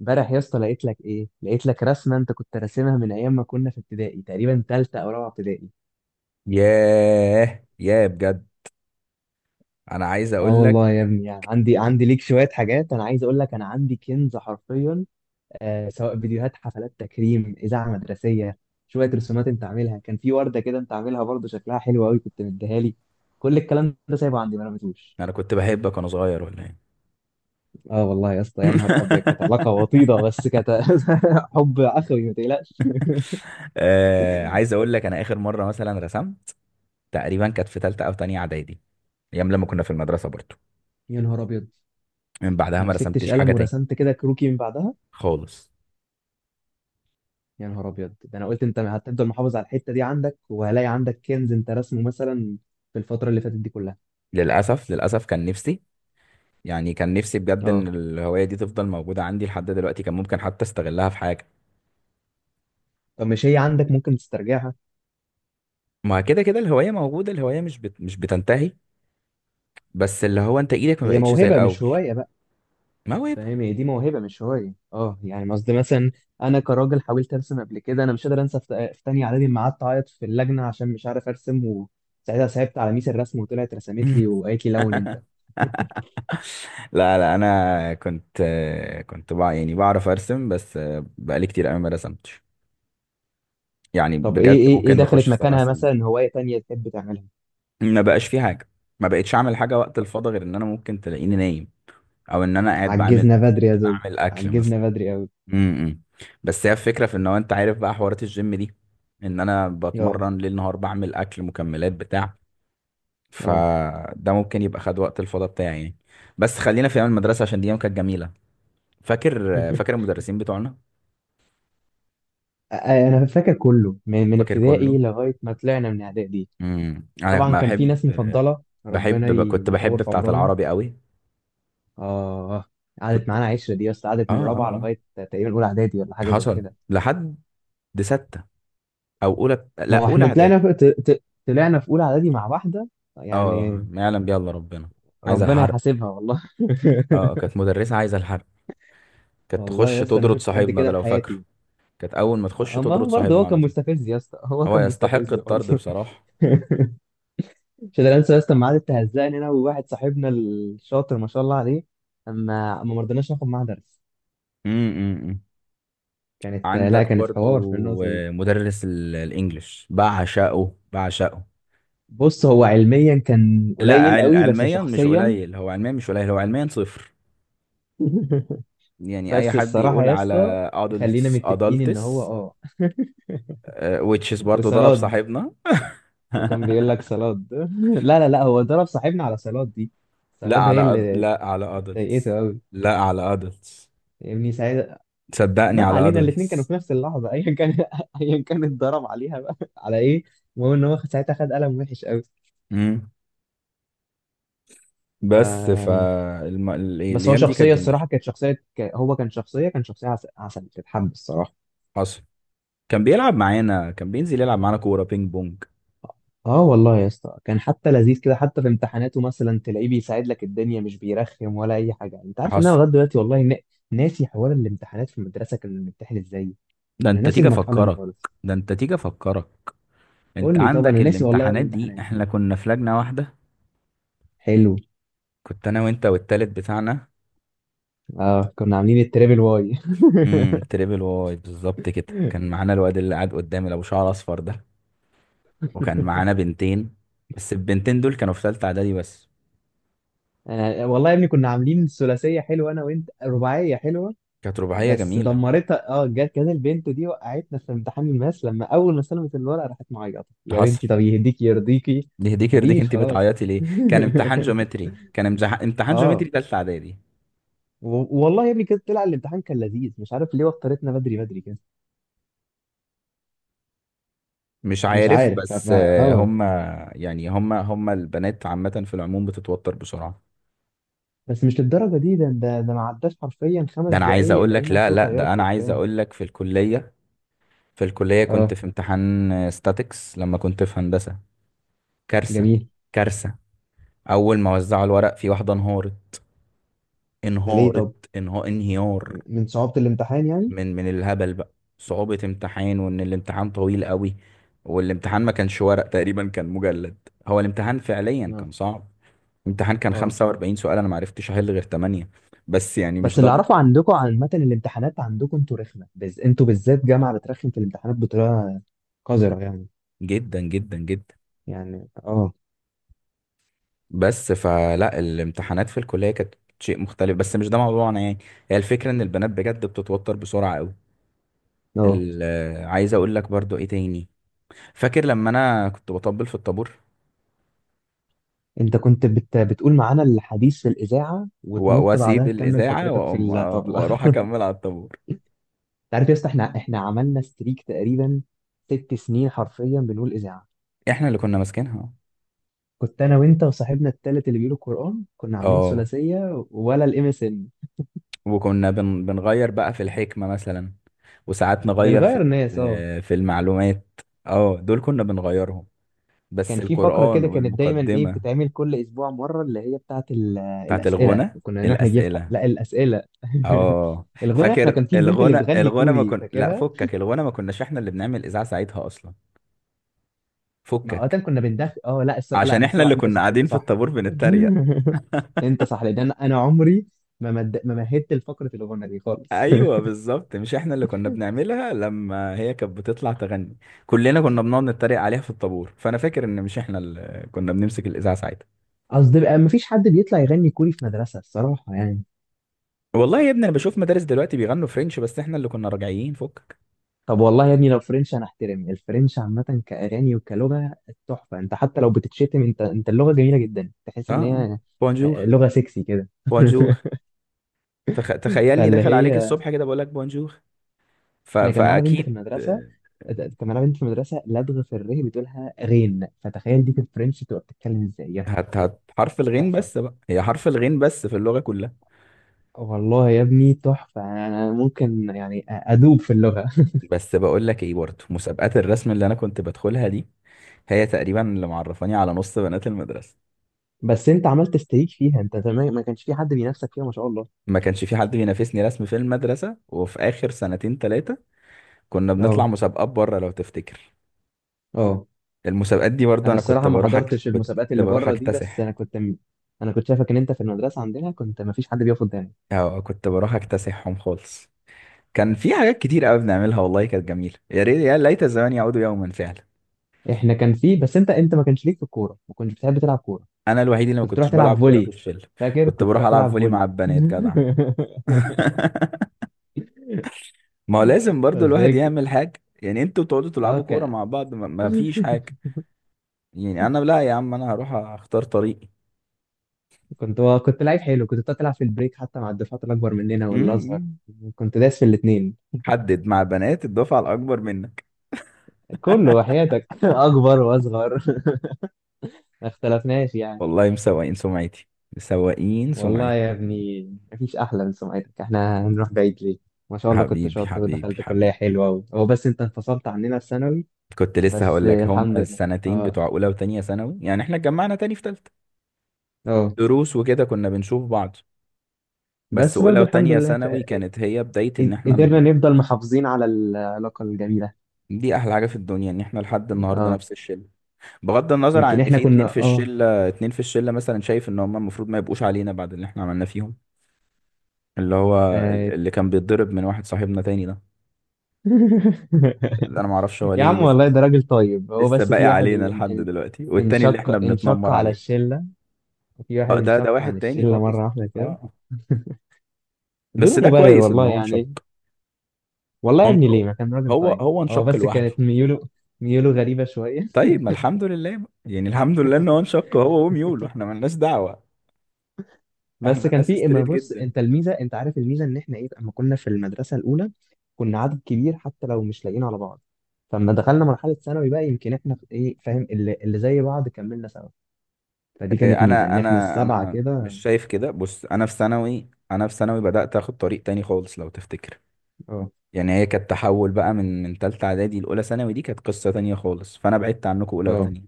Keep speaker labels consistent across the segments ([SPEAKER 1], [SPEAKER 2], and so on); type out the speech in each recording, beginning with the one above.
[SPEAKER 1] امبارح يا اسطى لقيت لك ايه لقيت لك رسمه انت كنت راسمها من ايام ما كنا في ابتدائي تقريبا ثالثه او رابعه ابتدائي.
[SPEAKER 2] ياه ياه بجد. انا عايز
[SPEAKER 1] اه
[SPEAKER 2] اقول لك،
[SPEAKER 1] والله يا ابني، يعني عندي ليك شويه حاجات، انا عايز اقول لك انا عندي كنز حرفيا. آه، سواء فيديوهات، حفلات تكريم، اذاعه مدرسيه، شويه رسومات انت عاملها. كان في ورده كده انت عاملها برضه شكلها حلو قوي كنت مديها لي. كل الكلام ده سايبه عندي ما رميتوش.
[SPEAKER 2] انا كنت بحبك وانا صغير ولا ايه؟
[SPEAKER 1] اه والله يا اسطى، يا نهار ابيض، كانت علاقه وطيده بس كانت حب اخوي ما تقلقش.
[SPEAKER 2] آه، عايز اقول لك، انا اخر مره مثلا رسمت تقريبا كانت في ثالثه او تانية اعدادي، ايام لما كنا في المدرسه برضو.
[SPEAKER 1] يا نهار ابيض،
[SPEAKER 2] من بعدها
[SPEAKER 1] ما
[SPEAKER 2] ما
[SPEAKER 1] مسكتش
[SPEAKER 2] رسمتش حاجه
[SPEAKER 1] قلم
[SPEAKER 2] تاني
[SPEAKER 1] ورسمت كده كروكي من بعدها.
[SPEAKER 2] خالص.
[SPEAKER 1] يا نهار ابيض، ده انا قلت انت هتفضل محافظ على الحته دي عندك وهلاقي عندك كنز انت رسمه مثلا في الفتره اللي فاتت دي كلها.
[SPEAKER 2] للاسف، كان نفسي، يعني كان نفسي بجد، ان
[SPEAKER 1] اه،
[SPEAKER 2] الهوايه دي تفضل موجوده عندي لحد دلوقتي. كان ممكن حتى استغلها في حاجه.
[SPEAKER 1] طب مش هي عندك، ممكن تسترجعها؟
[SPEAKER 2] ما كده كده الهوايه موجوده، الهوايه مش بتنتهي. بس اللي هو انت ايدك ما
[SPEAKER 1] هي
[SPEAKER 2] بقتش زي
[SPEAKER 1] موهبه مش
[SPEAKER 2] الاول.
[SPEAKER 1] هوايه بقى.
[SPEAKER 2] موهبه.
[SPEAKER 1] فاهم، هي دي موهبه مش هوايه، اه يعني قصدي مثلا انا كراجل حاولت ارسم قبل كده، انا مش قادر انسى في تانية اعدادي لما قعدت اعيط في اللجنه عشان مش عارف ارسم، وساعتها صعبت على ميس الرسم وطلعت رسمت لي وقالت لي لون انت.
[SPEAKER 2] لا لا، انا كنت، يعني بعرف ارسم، بس بقالي كتير قوي ما رسمتش. يعني
[SPEAKER 1] طب ايه
[SPEAKER 2] بجد
[SPEAKER 1] ايه ايه
[SPEAKER 2] ممكن نخش
[SPEAKER 1] دخلت
[SPEAKER 2] في سبع
[SPEAKER 1] مكانها،
[SPEAKER 2] سنين
[SPEAKER 1] مثلا هوايه تانية تحب تعملها؟
[SPEAKER 2] ما بقاش في حاجه. ما بقتش اعمل حاجه وقت الفاضي غير ان انا ممكن تلاقيني نايم، او ان انا قاعد بعمل،
[SPEAKER 1] عجزنا بدري يا زوز،
[SPEAKER 2] بعمل اكل مثلا.
[SPEAKER 1] عجزنا بدري قوي.
[SPEAKER 2] إمم. بس هي الفكره في ان هو، انت عارف بقى حوارات الجيم دي، ان انا
[SPEAKER 1] اه
[SPEAKER 2] بتمرن ليل نهار، بعمل اكل، مكملات بتاع.
[SPEAKER 1] اه.
[SPEAKER 2] فده ممكن يبقى خد وقت الفاضي بتاعي يعني. بس خلينا في ايام المدرسه عشان دي ايام كانت جميله. فاكر المدرسين بتوعنا،
[SPEAKER 1] انا فاكر كله من
[SPEAKER 2] فاكر كله.
[SPEAKER 1] ابتدائي لغايه ما طلعنا من اعدادي.
[SPEAKER 2] انا
[SPEAKER 1] طبعا كان في
[SPEAKER 2] بحب،
[SPEAKER 1] ناس مفضله ربنا
[SPEAKER 2] كنت بحب
[SPEAKER 1] يطول في
[SPEAKER 2] بتاعه
[SPEAKER 1] عمرهم.
[SPEAKER 2] العربي قوي.
[SPEAKER 1] اه، قعدت
[SPEAKER 2] كنت
[SPEAKER 1] معانا عشره دي، بس قعدت
[SPEAKER 2] اه
[SPEAKER 1] من
[SPEAKER 2] اه
[SPEAKER 1] رابعه
[SPEAKER 2] اه
[SPEAKER 1] لغايه تقريبا اولى اعدادي ولا حاجه زي
[SPEAKER 2] حصل
[SPEAKER 1] كده.
[SPEAKER 2] لحد سته، او اولى
[SPEAKER 1] ما
[SPEAKER 2] لا
[SPEAKER 1] هو
[SPEAKER 2] اولى
[SPEAKER 1] احنا طلعنا
[SPEAKER 2] اعدادي.
[SPEAKER 1] في طلعنا في اولى اعدادي مع واحده
[SPEAKER 2] اه،
[SPEAKER 1] يعني،
[SPEAKER 2] ما يعلم بيها الا ربنا. عايزه
[SPEAKER 1] ربنا
[SPEAKER 2] الحرق.
[SPEAKER 1] يحاسبها والله.
[SPEAKER 2] اه، كانت مدرسه عايزه الحرق، كانت
[SPEAKER 1] والله
[SPEAKER 2] تخش
[SPEAKER 1] يا اسطى انا ما
[SPEAKER 2] تطرد
[SPEAKER 1] شفتش حد
[SPEAKER 2] صاحبنا
[SPEAKER 1] كده
[SPEAKER 2] ده
[SPEAKER 1] في
[SPEAKER 2] لو فاكره.
[SPEAKER 1] حياتي.
[SPEAKER 2] كانت اول ما تخش
[SPEAKER 1] اما
[SPEAKER 2] تطرد
[SPEAKER 1] هو برضه،
[SPEAKER 2] صاحبنا
[SPEAKER 1] هو
[SPEAKER 2] على
[SPEAKER 1] كان
[SPEAKER 2] طول.
[SPEAKER 1] مستفز يا اسطى، هو
[SPEAKER 2] هو
[SPEAKER 1] كان
[SPEAKER 2] يستحق
[SPEAKER 1] مستفز برضه.
[SPEAKER 2] الطرد بصراحه.
[SPEAKER 1] مش قادر انسى يا اسطى الميعاد اللي هزقني انا وواحد صاحبنا الشاطر ما شاء الله عليه، اما ما مرضناش ناخد معاه درس.
[SPEAKER 2] امم
[SPEAKER 1] كانت، لا
[SPEAKER 2] عندك
[SPEAKER 1] كانت حوار في
[SPEAKER 2] برضو،
[SPEAKER 1] النقطه دي.
[SPEAKER 2] مدرس الانجليش، بعشقه بعشقه.
[SPEAKER 1] بص، هو علميا كان
[SPEAKER 2] لا،
[SPEAKER 1] قليل قوي، بس
[SPEAKER 2] علميا مش
[SPEAKER 1] شخصيا…
[SPEAKER 2] قليل، هو علميا مش قليل، هو علميا صفر. يعني اي
[SPEAKER 1] بس
[SPEAKER 2] حد
[SPEAKER 1] الصراحه
[SPEAKER 2] يقول
[SPEAKER 1] يا اسطى،
[SPEAKER 2] على
[SPEAKER 1] خلينا
[SPEAKER 2] adults
[SPEAKER 1] متفقين ان هو
[SPEAKER 2] adults،
[SPEAKER 1] اه.
[SPEAKER 2] which is برضو ضرب
[SPEAKER 1] وصلاد،
[SPEAKER 2] صاحبنا.
[SPEAKER 1] هو كان بيقول لك صلاد. لا لا لا، هو ضرب صاحبنا على صلاد دي.
[SPEAKER 2] لا
[SPEAKER 1] صلاد هي
[SPEAKER 2] على
[SPEAKER 1] اللي
[SPEAKER 2] لا على adults،
[SPEAKER 1] ضايقته قوي،
[SPEAKER 2] لا على adults،
[SPEAKER 1] فاهمني ساعتها.
[SPEAKER 2] صدقني
[SPEAKER 1] ما
[SPEAKER 2] على
[SPEAKER 1] علينا، الاثنين كانوا
[SPEAKER 2] adults.
[SPEAKER 1] في نفس اللحظه، ايا كان. ايا كان اتضرب عليها بقى على ايه. المهم ان هو ساعتها خد قلم وحش قوي.
[SPEAKER 2] امم
[SPEAKER 1] ف...
[SPEAKER 2] بس
[SPEAKER 1] بس هو
[SPEAKER 2] الايام دي كانت
[SPEAKER 1] شخصيه
[SPEAKER 2] جميله.
[SPEAKER 1] الصراحه كانت هو كان شخصيه عسل، عسل تتحب الصراحه.
[SPEAKER 2] حصل. كان بيلعب معانا، كان بينزل يلعب معانا كوره بينج بونج.
[SPEAKER 1] اه والله يا اسطى كان حتى لذيذ كده، حتى في امتحاناته مثلا تلاقيه بيساعد لك الدنيا، مش بيرخم ولا اي حاجه. انت عارف ان انا
[SPEAKER 2] حصل.
[SPEAKER 1] لغايه دلوقتي والله ناسي حوار الامتحانات في المدرسه، كنا بنمتحن ازاي؟
[SPEAKER 2] ده
[SPEAKER 1] انا
[SPEAKER 2] انت
[SPEAKER 1] ناسي
[SPEAKER 2] تيجي
[SPEAKER 1] المرحله دي
[SPEAKER 2] افكرك،
[SPEAKER 1] خالص.
[SPEAKER 2] ده انت تيجي افكرك. انت
[SPEAKER 1] قول لي، طب
[SPEAKER 2] عندك
[SPEAKER 1] انا ناسي والله
[SPEAKER 2] الامتحانات دي
[SPEAKER 1] الامتحانات.
[SPEAKER 2] احنا كنا في لجنه واحده.
[SPEAKER 1] حلو.
[SPEAKER 2] كنت انا وانت والتالت بتاعنا.
[SPEAKER 1] اه كنا عاملين التريبل واي.
[SPEAKER 2] تريبل واي بالظبط كده. كان معانا الواد اللي قاعد قدامي اللي ابو شعر اصفر ده، وكان معانا بنتين، بس البنتين دول كانوا في ثالثه اعدادي بس.
[SPEAKER 1] أنا والله يا ابني كنا عاملين ثلاثية حلوة، أنا وأنت رباعية حلوة.
[SPEAKER 2] كانت رباعيه
[SPEAKER 1] بس
[SPEAKER 2] جميله.
[SPEAKER 1] دمرتها، اه، جت كانت البنت دي وقعتنا في امتحان الماس. لما أول ما سلمت الورقة راحت معيطة، يا
[SPEAKER 2] حصل.
[SPEAKER 1] بنتي طب يهديكي يرضيكي.
[SPEAKER 2] يهديك يرضيك،
[SPEAKER 1] مفيش
[SPEAKER 2] انت
[SPEAKER 1] خلاص.
[SPEAKER 2] بتعيطي ليه؟ كان امتحان جيومتري، كان امتحان جيومتري
[SPEAKER 1] اه،
[SPEAKER 2] ثالثه اعدادي.
[SPEAKER 1] والله يا ابني كده طلع الامتحان كان لذيذ، مش عارف ليه وترتنا بدري بدري كده.
[SPEAKER 2] مش
[SPEAKER 1] مش
[SPEAKER 2] عارف
[SPEAKER 1] عارف
[SPEAKER 2] بس، هم. يعني هم البنات عامه في العموم بتتوتر بسرعه.
[SPEAKER 1] بس مش للدرجة دي، ده ما عداش حرفيا خمس
[SPEAKER 2] ده انا عايز
[SPEAKER 1] دقايق
[SPEAKER 2] اقول لك،
[SPEAKER 1] لقينا
[SPEAKER 2] لا
[SPEAKER 1] صوت
[SPEAKER 2] لا، ده
[SPEAKER 1] عياط
[SPEAKER 2] انا عايز
[SPEAKER 1] وبتاع.
[SPEAKER 2] اقول لك في الكليه. في الكليه
[SPEAKER 1] اه.
[SPEAKER 2] كنت في امتحان ستاتكس لما كنت في هندسه. كارثه.
[SPEAKER 1] جميل.
[SPEAKER 2] كارثه. اول ما وزعوا الورق في واحده انهارت،
[SPEAKER 1] ده ليه
[SPEAKER 2] انهارت،
[SPEAKER 1] طب،
[SPEAKER 2] انهار انهيار.
[SPEAKER 1] من صعوبة الامتحان؟
[SPEAKER 2] من الهبل بقى. صعوبة امتحان، وان الامتحان طويل قوي، والامتحان ما كانش ورق تقريبا، كان مجلد. هو الامتحان فعليا
[SPEAKER 1] يعني
[SPEAKER 2] كان صعب. الامتحان كان
[SPEAKER 1] اه.
[SPEAKER 2] 45 سؤال، انا ما عرفتش احل غير 8. بس يعني
[SPEAKER 1] بس
[SPEAKER 2] مش ده
[SPEAKER 1] اللي اعرفه عندكم عامه الامتحانات، عندكم انتوا رخمه انتوا بالذات جامعه بترخم في الامتحانات بطريقه قذره يعني.
[SPEAKER 2] جدا جدا جدا.
[SPEAKER 1] يعني اه.
[SPEAKER 2] بس فلا، الامتحانات في الكلية كانت شيء مختلف، بس مش ده موضوعنا يعني. هي الفكرة ان البنات بجد بتتوتر بسرعة قوي.
[SPEAKER 1] اه،
[SPEAKER 2] ال- عايز اقول لك برضو ايه تاني. فاكر لما انا كنت بطبل في الطابور،
[SPEAKER 1] انت بتقول معانا الحديث في الاذاعه وتنط بعدها
[SPEAKER 2] واسيب
[SPEAKER 1] تكمل
[SPEAKER 2] الاذاعه
[SPEAKER 1] فقرتك في
[SPEAKER 2] واقوم،
[SPEAKER 1] الطبله.
[SPEAKER 2] واروح
[SPEAKER 1] انت
[SPEAKER 2] اكمل على الطابور.
[SPEAKER 1] عارف يا اسطى، احنا عملنا ستريك تقريبا ست سنين حرفيا بنقول اذاعه.
[SPEAKER 2] احنا اللي كنا ماسكينها.
[SPEAKER 1] كنت انا وانت وصاحبنا التالت اللي بيقولوا القران، كنا عاملين
[SPEAKER 2] اه،
[SPEAKER 1] ثلاثيه ولا الام اس ان.
[SPEAKER 2] وكنا بنغير بقى في الحكمه مثلا، وساعات نغير في،
[SPEAKER 1] بنغير ناس اه.
[SPEAKER 2] في المعلومات. اه دول كنا بنغيرهم، بس
[SPEAKER 1] كان في فقرة
[SPEAKER 2] القران
[SPEAKER 1] كده كانت دايما ايه
[SPEAKER 2] والمقدمه.
[SPEAKER 1] بتتعمل كل اسبوع مرة، اللي هي بتاعت
[SPEAKER 2] بتاعت
[SPEAKER 1] الاسئلة،
[SPEAKER 2] الغنى
[SPEAKER 1] وكنا نروح نجيب حق،
[SPEAKER 2] الاسئله.
[SPEAKER 1] لا الاسئلة.
[SPEAKER 2] اه،
[SPEAKER 1] الغنى، احنا
[SPEAKER 2] فاكر.
[SPEAKER 1] كان في البنت اللي
[SPEAKER 2] الغنى،
[SPEAKER 1] بتغني
[SPEAKER 2] الغنى ما
[SPEAKER 1] كوري
[SPEAKER 2] كن لا
[SPEAKER 1] فاكرها؟
[SPEAKER 2] فكك، الغنى ما كناش احنا اللي بنعمل اذاعه ساعتها اصلا.
[SPEAKER 1] ما اوقات
[SPEAKER 2] فكك،
[SPEAKER 1] كنا بندخل، اه لا الصراحة، لا
[SPEAKER 2] عشان
[SPEAKER 1] انا
[SPEAKER 2] احنا
[SPEAKER 1] الصراحة
[SPEAKER 2] اللي
[SPEAKER 1] انت
[SPEAKER 2] كنا
[SPEAKER 1] صح انت
[SPEAKER 2] قاعدين في
[SPEAKER 1] صح.
[SPEAKER 2] الطابور بنتريق.
[SPEAKER 1] انت صح، لان انا أنا عمري ما مهدت لفقرة الغنى دي خالص.
[SPEAKER 2] ايوه، بالظبط، مش احنا اللي كنا بنعملها. لما هي كانت بتطلع تغني، كلنا كنا بنقعد نتريق عليها في الطابور. فانا فاكر ان مش احنا اللي كنا بنمسك الاذاعه ساعتها.
[SPEAKER 1] قصدي بقى، ما فيش حد بيطلع يغني كوري في مدرسة الصراحة يعني.
[SPEAKER 2] والله يا ابني انا بشوف مدارس دلوقتي بيغنوا فرنش، بس احنا اللي كنا راجعين فكك.
[SPEAKER 1] طب والله يا ابني لو فرنش هنحترم الفرنش عامة كأغاني وكلغة، تحفة. انت حتى لو بتتشتم انت، اللغة جميلة جدا، تحس
[SPEAKER 2] اه
[SPEAKER 1] ان هي
[SPEAKER 2] اه،
[SPEAKER 1] آه.
[SPEAKER 2] بونجور.
[SPEAKER 1] لغة سكسي كده.
[SPEAKER 2] بونجور. تخيلني
[SPEAKER 1] فاللي
[SPEAKER 2] داخل عليك
[SPEAKER 1] هي…
[SPEAKER 2] الصبح كده بقول لك بونجور.
[SPEAKER 1] احنا كان معانا بنت في
[SPEAKER 2] فاكيد،
[SPEAKER 1] المدرسة، كان معانا بنت في المدرسة لدغة في الره بتقولها غين، فتخيل دي في الفرنش تبقى بتتكلم ازاي، يا نهار
[SPEAKER 2] هت...
[SPEAKER 1] ابيض.
[SPEAKER 2] هت حرف الغين
[SPEAKER 1] تحفة،
[SPEAKER 2] بس بقى، هي حرف الغين بس في اللغه كلها.
[SPEAKER 1] والله يا ابني تحفة. انا ممكن يعني ادوب في اللغة.
[SPEAKER 2] بس بقول لك ايه، برضه مسابقات الرسم اللي انا كنت بدخلها دي هي تقريبا اللي معرفاني على نص بنات المدرسه.
[SPEAKER 1] بس انت عملت استريك فيها انت زمان، ما كانش في حد بينافسك فيها ما شاء الله.
[SPEAKER 2] ما كانش في حد بينافسني رسم في المدرسة، وفي آخر سنتين تلاتة كنا بنطلع
[SPEAKER 1] اه
[SPEAKER 2] مسابقات بره لو تفتكر.
[SPEAKER 1] اه.
[SPEAKER 2] المسابقات دي برضه
[SPEAKER 1] انا
[SPEAKER 2] أنا كنت
[SPEAKER 1] الصراحه ما
[SPEAKER 2] بروح،
[SPEAKER 1] حضرتش
[SPEAKER 2] كنت
[SPEAKER 1] المسابقات اللي
[SPEAKER 2] بروح
[SPEAKER 1] بره دي، بس انا
[SPEAKER 2] أكتسح،
[SPEAKER 1] انا كنت شايفك ان انت في المدرسه عندنا كنت ما فيش حد بيقف قدامك.
[SPEAKER 2] أو كنت بروح أكتسحهم خالص. كان في حاجات كتير قوي بنعملها، والله كانت جميلة. يا ريت، يا ليت الزمان يعود يوما فعلا.
[SPEAKER 1] احنا كان في بس انت، ما كانش ليك في الكوره، ما كنتش بتحب تلعب كوره.
[SPEAKER 2] أنا الوحيد اللي ما
[SPEAKER 1] كنت تروح
[SPEAKER 2] كنتش
[SPEAKER 1] تلعب
[SPEAKER 2] بلعب كورة في
[SPEAKER 1] فولي،
[SPEAKER 2] الشلة،
[SPEAKER 1] فاكر
[SPEAKER 2] كنت
[SPEAKER 1] كنت
[SPEAKER 2] بروح
[SPEAKER 1] تروح
[SPEAKER 2] ألعب
[SPEAKER 1] تلعب
[SPEAKER 2] فولي
[SPEAKER 1] فولي.
[SPEAKER 2] مع البنات جدع. ما هو لازم برضه
[SPEAKER 1] بس
[SPEAKER 2] الواحد
[SPEAKER 1] هيك.
[SPEAKER 2] يعمل حاجة، يعني انتوا بتقعدوا
[SPEAKER 1] اه
[SPEAKER 2] تلعبوا كورة
[SPEAKER 1] كان…
[SPEAKER 2] مع بعض، ما فيش حاجة يعني. انا لا يا عم، انا هروح اختار طريق.
[SPEAKER 1] كنت كنت لعيب حلو، كنت بتعرف تلعب في البريك حتى مع الدفعات الاكبر مننا والاصغر،
[SPEAKER 2] مم.
[SPEAKER 1] كنت داس في الاثنين
[SPEAKER 2] حدد مع بنات الدفعة الأكبر منك.
[SPEAKER 1] كله وحياتك. اكبر واصغر. ما اختلفناش يعني.
[SPEAKER 2] والله مسوقين سمعتي، مسوقين
[SPEAKER 1] والله
[SPEAKER 2] سمعتي.
[SPEAKER 1] يا ابني، مفيش أحلى من سمعتك، احنا هنروح بعيد ليه؟ ما شاء الله كنت
[SPEAKER 2] حبيبي
[SPEAKER 1] شاطر
[SPEAKER 2] حبيبي
[SPEAKER 1] ودخلت كلية
[SPEAKER 2] حبيبي،
[SPEAKER 1] حلوة و… هو بس انت انفصلت عننا في ثانوي.
[SPEAKER 2] كنت لسه
[SPEAKER 1] بس
[SPEAKER 2] هقول لك. هم
[SPEAKER 1] الحمد لله.
[SPEAKER 2] السنتين
[SPEAKER 1] اه.
[SPEAKER 2] بتوع أولى وتانية ثانوي، يعني إحنا اتجمعنا تاني في تالتة،
[SPEAKER 1] اه.
[SPEAKER 2] دروس وكده كنا بنشوف بعض. بس
[SPEAKER 1] بس
[SPEAKER 2] أولى
[SPEAKER 1] برضو الحمد
[SPEAKER 2] وتانية
[SPEAKER 1] لله ف…
[SPEAKER 2] ثانوي كانت هي بداية إن إحنا
[SPEAKER 1] قدرنا نفضل محافظين على العلاقة الجميلة.
[SPEAKER 2] دي أحلى حاجة في الدنيا، إن إحنا لحد النهاردة
[SPEAKER 1] اه.
[SPEAKER 2] نفس الشلة، بغض النظر عن
[SPEAKER 1] يمكن
[SPEAKER 2] إن
[SPEAKER 1] احنا
[SPEAKER 2] في
[SPEAKER 1] كنا
[SPEAKER 2] اتنين في
[SPEAKER 1] اه.
[SPEAKER 2] الشلة، اتنين في الشلة مثلا شايف إن هم المفروض ما يبقوش علينا بعد اللي إحنا عملناه فيهم. اللي هو
[SPEAKER 1] آه.
[SPEAKER 2] اللي كان بيتضرب من واحد صاحبنا تاني ده. انا ما اعرفش هو
[SPEAKER 1] يا
[SPEAKER 2] ليه
[SPEAKER 1] عم والله
[SPEAKER 2] لسه،
[SPEAKER 1] ده راجل طيب، هو
[SPEAKER 2] لسه
[SPEAKER 1] بس
[SPEAKER 2] باقي
[SPEAKER 1] في واحد
[SPEAKER 2] علينا
[SPEAKER 1] اللي
[SPEAKER 2] لحد دلوقتي، والتاني اللي احنا
[SPEAKER 1] انشق
[SPEAKER 2] بنتنمر
[SPEAKER 1] على
[SPEAKER 2] عليه.
[SPEAKER 1] الشلة. وفي واحد
[SPEAKER 2] اه، ده
[SPEAKER 1] انشق
[SPEAKER 2] واحد
[SPEAKER 1] عن
[SPEAKER 2] تاني
[SPEAKER 1] الشلة
[SPEAKER 2] خالص.
[SPEAKER 1] مرة واحدة
[SPEAKER 2] اه،
[SPEAKER 1] كده
[SPEAKER 2] آه. بس
[SPEAKER 1] بدون
[SPEAKER 2] ده
[SPEAKER 1] مبرر
[SPEAKER 2] كويس ان
[SPEAKER 1] والله
[SPEAKER 2] هو انشق.
[SPEAKER 1] يعني. والله يا ابني
[SPEAKER 2] هو،
[SPEAKER 1] ليه؟ ما كان راجل
[SPEAKER 2] هو
[SPEAKER 1] طيب.
[SPEAKER 2] هو
[SPEAKER 1] هو
[SPEAKER 2] انشق
[SPEAKER 1] بس
[SPEAKER 2] لوحده.
[SPEAKER 1] كانت ميوله، ميوله غريبة شوية.
[SPEAKER 2] طيب، ما الحمد لله بقى. يعني الحمد لله ان هو انشق هو وميول، واحنا ملناش دعوة.
[SPEAKER 1] بس
[SPEAKER 2] احنا
[SPEAKER 1] كان
[SPEAKER 2] ناس
[SPEAKER 1] في، اما
[SPEAKER 2] ستريت
[SPEAKER 1] بص
[SPEAKER 2] جدا.
[SPEAKER 1] انت الميزة، انت عارف الميزة ان احنا ايه، اما كنا في المدرسة الاولى كنا عدد كبير حتى لو مش لاقيين على بعض، فلما دخلنا مرحلة ثانوي بقى، يمكن احنا ايه فاهم اللي زي بعض كملنا سوا. فدي كانت ميزة
[SPEAKER 2] انا
[SPEAKER 1] ان احنا
[SPEAKER 2] انا
[SPEAKER 1] السبعة
[SPEAKER 2] انا
[SPEAKER 1] كده.
[SPEAKER 2] مش شايف كده. بص، انا في ثانوي، انا في ثانوي بدأت اخد طريق تاني خالص لو تفتكر.
[SPEAKER 1] اه.
[SPEAKER 2] يعني هي كانت تحول بقى، من تالتة اعدادي لاولى ثانوي، دي كانت قصة تانية خالص. فانا بعدت عنكم اولى
[SPEAKER 1] اه.
[SPEAKER 2] وتانية،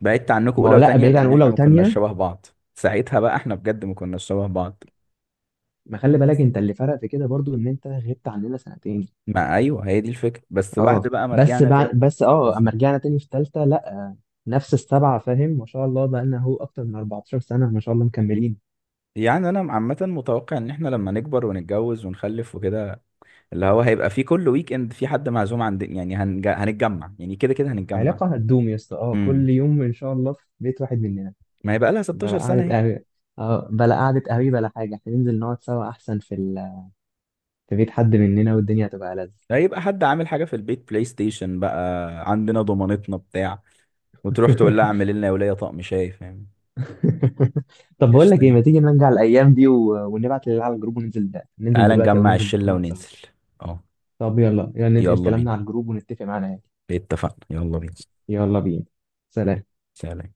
[SPEAKER 2] بعدت عنكم
[SPEAKER 1] ما هو
[SPEAKER 2] اولى
[SPEAKER 1] لا،
[SPEAKER 2] وتانية
[SPEAKER 1] بعيد عن
[SPEAKER 2] لان
[SPEAKER 1] اولى
[SPEAKER 2] احنا ما
[SPEAKER 1] وتانية.
[SPEAKER 2] كناش شبه بعض. ساعتها بقى احنا بجد ما كناش شبه بعض.
[SPEAKER 1] ما خلي بالك انت اللي فرق في كده برضو ان انت غبت عننا سنتين.
[SPEAKER 2] ما ايوه، هي دي الفكره، بس بعد
[SPEAKER 1] اه،
[SPEAKER 2] بقى ما
[SPEAKER 1] بس
[SPEAKER 2] رجعنا
[SPEAKER 1] بعد،
[SPEAKER 2] تاني،
[SPEAKER 1] بس اه اما
[SPEAKER 2] بالظبط.
[SPEAKER 1] رجعنا تاني في تالتة لا، نفس السبعة فاهم. ما شاء الله بقى لنا هو اكتر من 14 سنة ما شاء الله مكملين.
[SPEAKER 2] يعني انا عامه متوقع ان احنا لما نكبر ونتجوز ونخلف وكده، اللي هو هيبقى في كل ويك اند في حد معزوم عند، يعني هنتجمع، يعني كده كده هنتجمع.
[SPEAKER 1] علاقة هتدوم يا اسطى، اه كل
[SPEAKER 2] امم
[SPEAKER 1] يوم ان شاء الله في بيت واحد مننا.
[SPEAKER 2] ما هيبقى لها
[SPEAKER 1] بلا
[SPEAKER 2] 16
[SPEAKER 1] قعدة
[SPEAKER 2] سنه اهي.
[SPEAKER 1] قهوة، اه بلا قعدة قهوة بلا حاجة، احنا ننزل نقعد سوا احسن في ال… في بيت حد مننا، والدنيا هتبقى ألذ.
[SPEAKER 2] هيبقى حد عامل حاجه في البيت، بلاي ستيشن بقى عندنا، ضمانتنا بتاع، وتروح تقول لها اعمل لنا يا وليه طقم شاي فاهم.
[SPEAKER 1] طب بقول لك
[SPEAKER 2] قشطه
[SPEAKER 1] ايه،
[SPEAKER 2] يعني.
[SPEAKER 1] ما تيجي نرجع الايام دي و… ونبعت للعيال على الجروب وننزل ده. ننزل
[SPEAKER 2] تعال
[SPEAKER 1] دلوقتي او
[SPEAKER 2] نجمع
[SPEAKER 1] ننزل بكره
[SPEAKER 2] الشلة
[SPEAKER 1] نقعد سوا.
[SPEAKER 2] وننزل. اه،
[SPEAKER 1] طب يلا يلا ننقل
[SPEAKER 2] يلا بينا،
[SPEAKER 1] كلامنا على الجروب ونتفق معانا يعني.
[SPEAKER 2] اتفقنا، يلا بينا.
[SPEAKER 1] يلا بينا. سلام.
[SPEAKER 2] سلام.